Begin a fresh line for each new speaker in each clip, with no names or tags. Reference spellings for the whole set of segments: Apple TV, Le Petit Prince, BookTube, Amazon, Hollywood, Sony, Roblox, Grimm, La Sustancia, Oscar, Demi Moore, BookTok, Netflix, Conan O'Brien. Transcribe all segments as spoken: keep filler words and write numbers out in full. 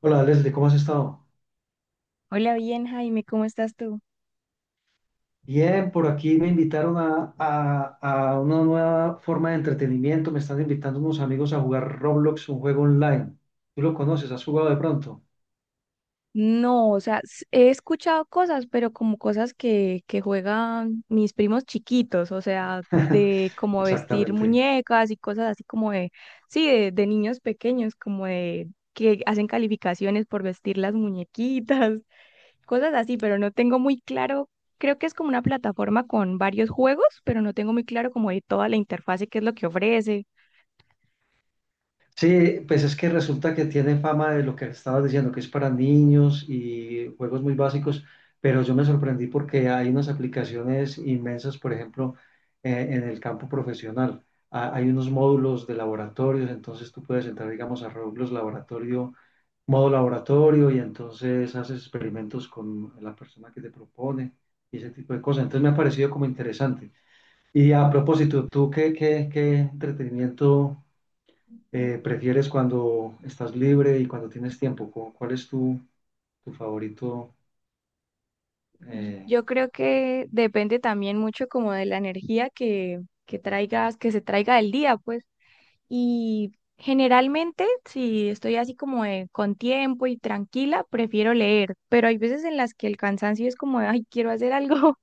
Hola Leslie, ¿cómo has estado?
Hola, bien, Jaime, ¿cómo estás tú?
Bien, por aquí me invitaron a, a- a una nueva forma de entretenimiento. Me están invitando unos amigos a jugar Roblox, un juego online. ¿Tú lo conoces? ¿Has jugado de pronto?
No, o sea, s- he escuchado cosas, pero como cosas que, que juegan mis primos chiquitos, o sea, de como vestir
Exactamente.
muñecas y cosas así como de, sí, de, de niños pequeños, como de que hacen calificaciones por vestir las muñequitas, cosas así, pero no tengo muy claro, creo que es como una plataforma con varios juegos, pero no tengo muy claro como de toda la interfase, qué es lo que ofrece.
Sí, pues es que resulta que tiene fama de lo que estabas diciendo, que es para niños y juegos muy básicos, pero yo me sorprendí porque hay unas aplicaciones inmensas, por ejemplo, eh, en el campo profesional. Ah, hay unos módulos de laboratorios, entonces tú puedes entrar, digamos, a Roblox Laboratorio modo laboratorio, y entonces haces experimentos con la persona que te propone y ese tipo de cosas. Entonces me ha parecido como interesante. Y a propósito, ¿tú qué, qué, qué entretenimiento eh, prefieres cuando estás libre y cuando tienes tiempo? ¿Cu- ¿Cuál es tu, tu favorito?
Y-
eh,
Yo creo que depende también mucho como de la energía que, que traigas, que se traiga el día, pues. Y generalmente, si estoy así como de- con tiempo y tranquila, prefiero leer, pero hay veces en las que el cansancio es como, de, ay, quiero hacer algo,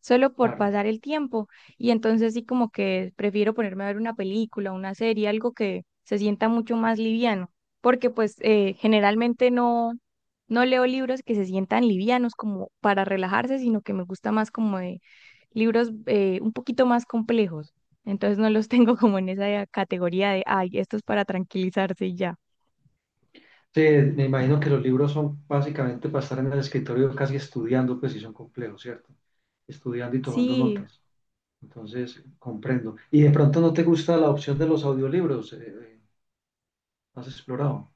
solo por
claro.
pasar el tiempo. Y entonces sí como que prefiero ponerme a ver una película, una serie, algo que se sienta mucho más liviano, porque pues eh, generalmente no, no leo libros que se sientan livianos como para relajarse, sino que me gusta más como de libros eh, un poquito más complejos. Entonces no los tengo como en esa categoría de, ay, esto es para tranquilizarse y ya.
Sí, me imagino que los libros son básicamente para estar en el escritorio casi estudiando, pues si son complejos, ¿cierto? Estudiando y tomando
Sí.
notas. Entonces, comprendo. Y de pronto no te gusta la opción de los audiolibros, eh, eh, ¿no has explorado?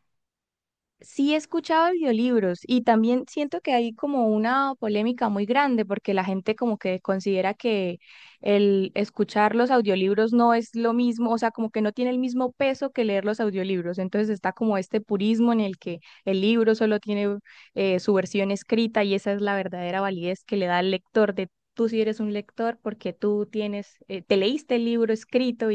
Sí he escuchado audiolibros y también siento que hay como una polémica muy grande porque la gente como que considera que el escuchar los audiolibros no es lo mismo, o sea, como que no tiene el mismo peso que leer los audiolibros. Entonces está como este purismo en el que el libro solo tiene eh, su versión escrita y esa es la verdadera validez que le da al lector de tú si eres un lector porque tú tienes, eh, te leíste el libro escrito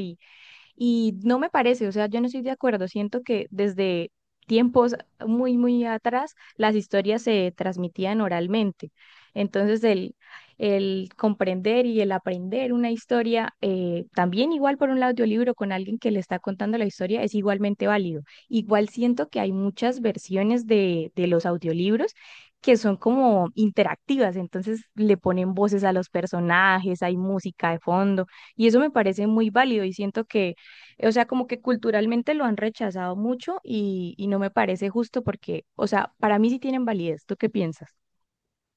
y no me parece, o sea, yo no estoy de acuerdo. Siento que desde tiempos muy, muy atrás las historias se transmitían oralmente. Entonces, el, el comprender y el aprender una historia, eh, también igual por un audiolibro con alguien que le está contando la historia, es igualmente válido. Igual siento que hay muchas versiones de, de los audiolibros que son como interactivas, entonces le ponen voces a los personajes, hay música de fondo, y eso me parece muy válido y siento que o sea, como que culturalmente lo han rechazado mucho y, y no me parece justo porque, o sea, para mí sí tienen validez. ¿Tú qué piensas?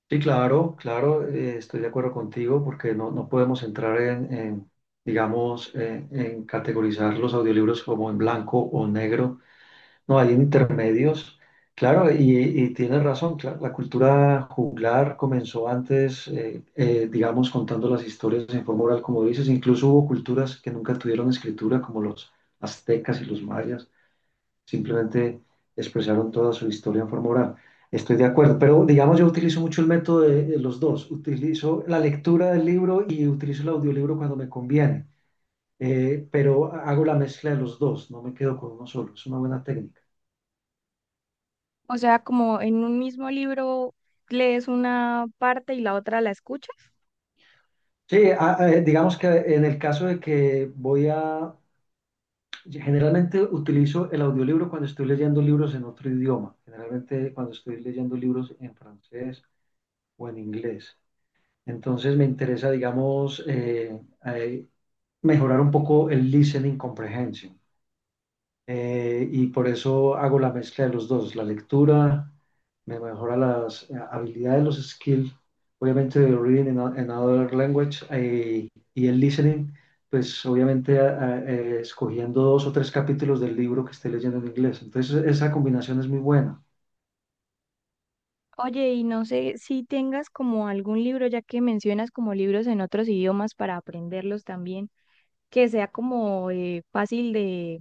Sí, claro, claro, eh, estoy de acuerdo contigo porque no, no podemos entrar en, en, digamos, eh, en categorizar los audiolibros como en blanco o negro. No, hay intermedios. Claro, y, y tienes razón, cla- la cultura juglar comenzó antes, eh, eh, digamos, contando las historias en forma oral, como dices. Incluso hubo culturas que nunca tuvieron escritura, como los aztecas y los mayas. Simplemente expresaron toda su historia en forma oral. Estoy de acuerdo, pero digamos yo utilizo mucho el método de, de los dos. Utilizo la lectura del libro y utilizo el audiolibro cuando me conviene, eh, pero hago la mezcla de los dos, no me quedo con uno solo, es una buena técnica.
O sea, como en un mismo libro lees una parte y la otra la escuchas.
Sí, a- a- eh, digamos que en el caso de que voy a, generalmente utilizo el audiolibro cuando estoy leyendo libros en otro idioma, generalmente cuando estoy leyendo libros en francés o en inglés. Entonces me interesa, digamos, eh, eh, mejorar un poco el listening comprehension. Eh, y por eso hago la mezcla de los dos. La lectura me mejora las eh, habilidades, los skills, obviamente de reading in, a- in another language, eh, y el listening, pues obviamente a- a- eh, escogiendo dos o tres capítulos del libro que esté leyendo en inglés. Entonces esa combinación es muy buena.
Oye, y no sé si tengas como algún libro, ya que mencionas como libros en otros idiomas para aprenderlos también. Que sea como eh, fácil de,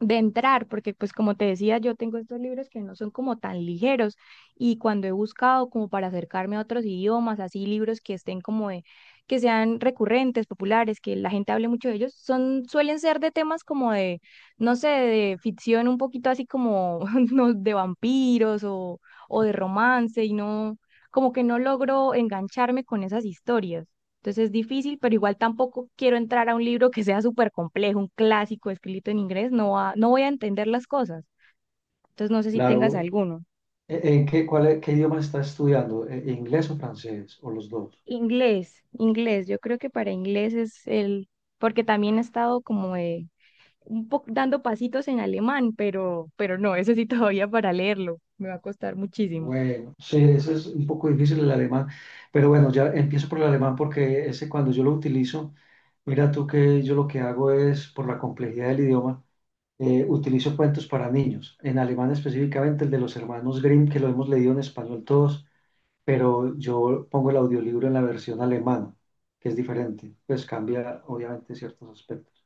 de entrar, porque pues como te decía, yo tengo estos libros que no son como tan ligeros y cuando he buscado como para acercarme a otros idiomas, así libros que estén como de, que sean recurrentes, populares, que la gente hable mucho de ellos, son, suelen ser de temas como de, no sé, de ficción un poquito así como no, de vampiros o, o de romance y no, como que no logro engancharme con esas historias. Entonces es difícil, pero igual tampoco quiero entrar a un libro que sea súper complejo, un clásico escrito en inglés, no, va- no voy a entender las cosas. Entonces no sé si tengas
Claro,
alguno.
¿en en qué, cuál, es- qué idioma estás estudiando? ¿En- en ¿Inglés o francés o los dos?
Inglés, inglés, yo creo que para inglés es el, porque también he estado como eh, un poco dando pasitos en alemán, pero, pero no, eso sí todavía para leerlo, me va a costar muchísimo.
Bueno, sí, ese es un poco difícil el alemán, pero bueno, ya empiezo por el alemán porque ese cuando yo lo utilizo, mira tú que yo lo que hago es, por la complejidad del idioma, eh, utilizo cuentos para niños, en alemán específicamente el de los hermanos Grimm, que lo hemos leído en español todos, pero yo pongo el audiolibro en la versión alemana, que es diferente, pues cambia obviamente ciertos aspectos.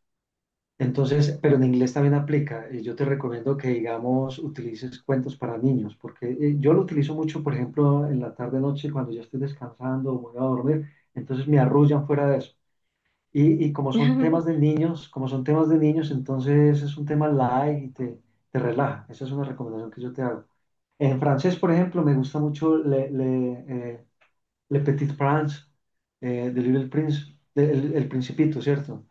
Entonces, pero en inglés también aplica. Eh, Yo te recomiendo que, digamos, utilices cuentos para niños, porque eh, yo lo utilizo mucho, por ejemplo, en la tarde noche cuando ya estoy descansando o me voy a dormir, entonces me arrullan fuera de eso. Y, y como son temas de niños, como son temas de niños, entonces es un tema light y te, te relaja. Esa es una recomendación que yo te hago. En francés, por ejemplo, me gusta mucho Le, Le, eh, Le Petit Prince, eh, de Little Prince, de- el el Principito, ¿cierto?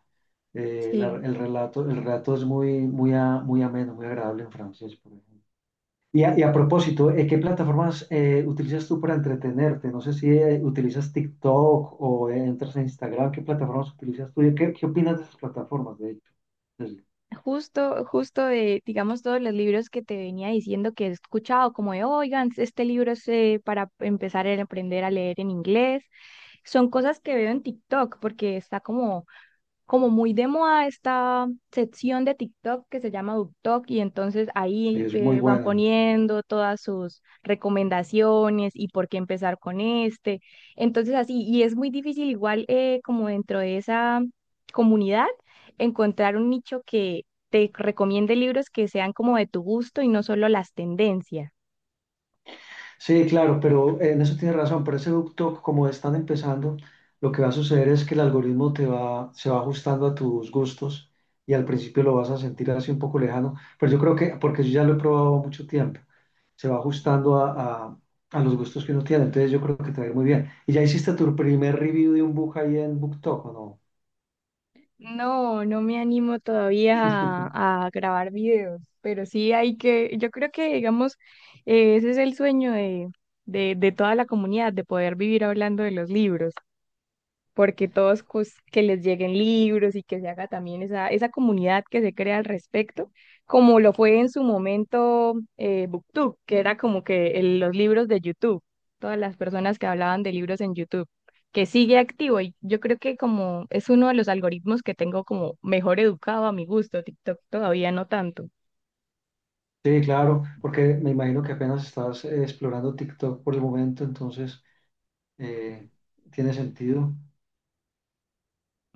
Eh, la-
Sí.
el relato, el relato es muy, muy, a- muy ameno, muy agradable en francés, por ejemplo. Y a, y a propósito, eh, ¿qué plataformas eh, utilizas tú para entretenerte? No sé si eh, utilizas TikTok o eh, entras en Instagram. ¿Qué plataformas utilizas tú? ¿Qué, qué opinas de esas plataformas, de hecho? Es,
Justo, justo de, digamos, todos los libros que te venía diciendo que he escuchado, como de, oigan, este libro es eh, para empezar a aprender a leer en inglés, son cosas que veo en TikTok, porque está como como muy de moda esta sección de TikTok que se llama BookTok y entonces ahí
es muy
eh, van
buena.
poniendo todas sus recomendaciones y por qué empezar con este. Entonces así, y es muy difícil igual eh, como dentro de esa comunidad encontrar un nicho que te recomiende libros que sean como de tu gusto y no solo las tendencias.
Sí, claro, pero en eso tienes razón, pero ese ducto, como están empezando, lo que va a suceder es que el algoritmo te va, se va ajustando a tus gustos, y al principio lo vas a sentir así un poco lejano, pero yo creo que, porque yo ya lo he probado mucho tiempo, se va ajustando a, a- a los gustos que uno tiene, entonces yo creo que te va a ir muy bien. ¿Y ya hiciste tu primer review de un book ahí en BookTok o no?
No, no me animo todavía a, a grabar videos, pero sí hay que, yo creo que, digamos, eh, ese es el sueño de, de, de toda la comunidad, de poder vivir hablando de los libros porque todos pues, que les lleguen libros y que se haga también esa, esa comunidad que se crea al respecto, como lo fue en su momento eh, BookTube, que era como que el- los libros de YouTube, todas las personas que hablaban de libros en YouTube, que sigue activo y yo creo que como es uno de los algoritmos que tengo como mejor educado a mi gusto, TikTok todavía no tanto.
Sí, claro, porque me imagino que apenas estás eh, explorando TikTok por el momento, entonces eh, tiene sentido.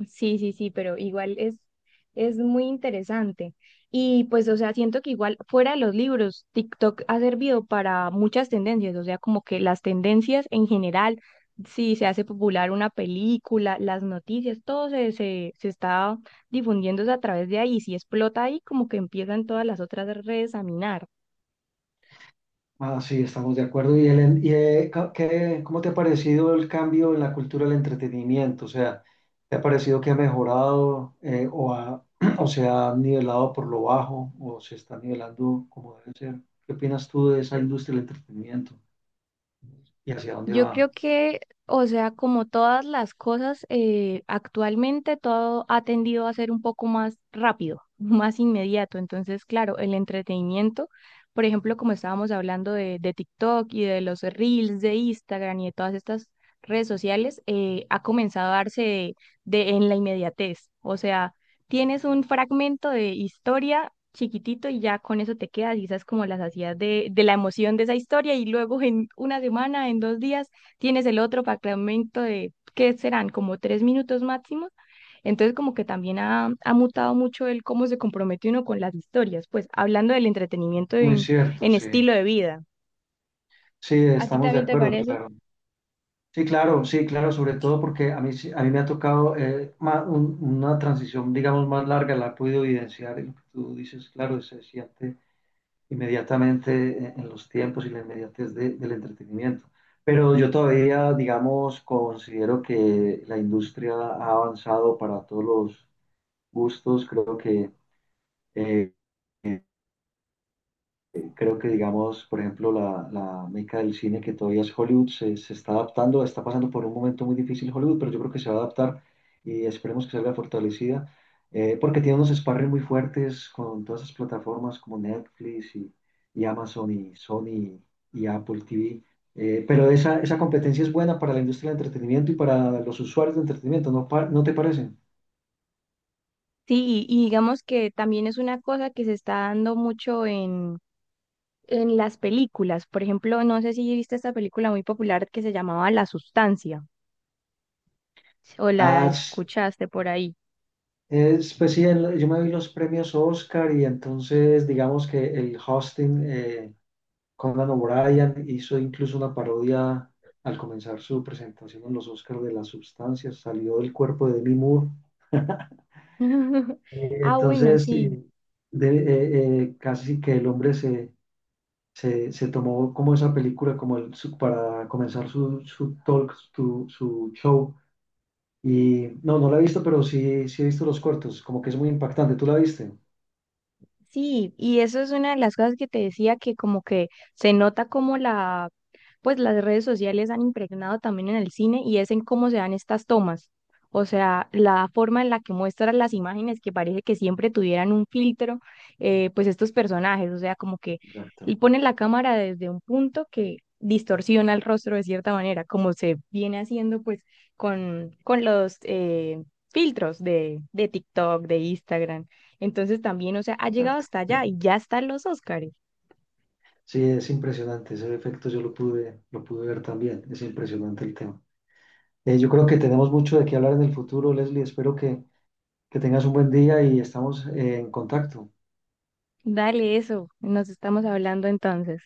Sí, sí, sí, pero igual es, es muy interesante. Y pues, o sea, siento que igual fuera de los libros, TikTok ha servido para muchas tendencias, o sea, como que las tendencias en general, si se hace popular una película, las noticias, todo se, se, se está difundiéndose a través de ahí. Si explota ahí, como que empiezan todas las otras redes a minar.
Ah, sí, estamos de acuerdo. ¿Y, el, y eh, ca- qué- cómo te ha parecido el cambio en la cultura del entretenimiento? O sea, ¿te ha parecido que ha mejorado eh, o, ha- o se ha nivelado por lo bajo o se está nivelando como debe ser? ¿Qué opinas tú de esa industria del entretenimiento y hacia dónde
Yo
va?
creo que, o sea, como todas las cosas, eh, actualmente todo ha tendido a ser un poco más rápido, más inmediato. Entonces, claro, el entretenimiento, por ejemplo, como estábamos hablando de, de TikTok y de los Reels de Instagram y de todas estas redes sociales, eh, ha comenzado a darse de, de- en la inmediatez. O sea, tienes un fragmento de historia chiquitito y ya con eso te quedas, y esas como las hacías de, de la emoción de esa historia y luego en una semana, en dos días, tienes el otro fragmento de, ¿qué serán? Como tres minutos máximo. Entonces como que también ha, ha mutado mucho el cómo se compromete uno con las historias, pues hablando del entretenimiento
Muy
en,
cierto,
en
sí.
estilo de vida.
Sí,
¿A ti
estamos de
también te
acuerdo,
parece?
claro. Sí, claro, sí, claro, sobre todo porque a mí, sí- a mí me ha tocado eh, ma- un- una transición, digamos, más larga, la he podido evidenciar, y lo que tú dices, claro, se siente inmediatamente eh, en los tiempos y la inmediatez de- del entretenimiento. Pero yo todavía, digamos, considero que la industria ha avanzado para todos los gustos. Creo que eh, creo que, digamos, por ejemplo, la, la meca del cine que todavía es Hollywood se, se está adaptando, está pasando por un momento muy difícil Hollywood, pero yo creo que se va a adaptar y esperemos que salga fortalecida, eh, porque tiene unos sparring muy fuertes con todas esas plataformas como Netflix y, y Amazon y Sony y Apple T V. Eh, pero esa, esa competencia es buena para la industria del entretenimiento y para los usuarios de entretenimiento, ¿no, pa- no te parece?
Sí, y y digamos que también es una cosa que se está dando mucho en en las películas. Por ejemplo, no sé si viste esta película muy popular que se llamaba La Sustancia o la
Ah,
escuchaste por ahí.
es, pues sí, el- yo me vi los premios Oscar y entonces digamos que el hosting, eh, Conan O'Brien, hizo incluso una parodia al comenzar su presentación en los Oscars, de las sustancias, salió del cuerpo de Demi Moore. Eh,
Ah, bueno,
Entonces,
sí.
eh, de- eh, eh, casi que el hombre se, se, se tomó como esa película como el, su- para comenzar su, su talk, su, su show. Y no, no la he visto, pero sí, sí he visto los cortos, como que es muy impactante. ¿Tú la viste?
Sí, y eso es una de las cosas que te decía que como que se nota como la, pues las redes sociales han impregnado también en el cine y es en cómo se dan estas tomas. O sea, la forma en la que muestran las imágenes que parece que siempre tuvieran un filtro, eh, pues estos personajes, o sea, como que
Exacto.
y ponen la cámara desde un punto que distorsiona el rostro de cierta manera, como se viene haciendo pues con, con los eh, filtros de, de TikTok, de Instagram. Entonces también, o sea, ha llegado
Exacto.
hasta allá y ya están los Óscares.
Sí, es impresionante, ese efecto yo lo pude, lo pude ver también, es impresionante el tema. Eh, yo creo que tenemos mucho de qué hablar en el futuro, Leslie, espero que, que tengas un buen día y estamos eh, en contacto.
Dale eso, nos estamos hablando entonces.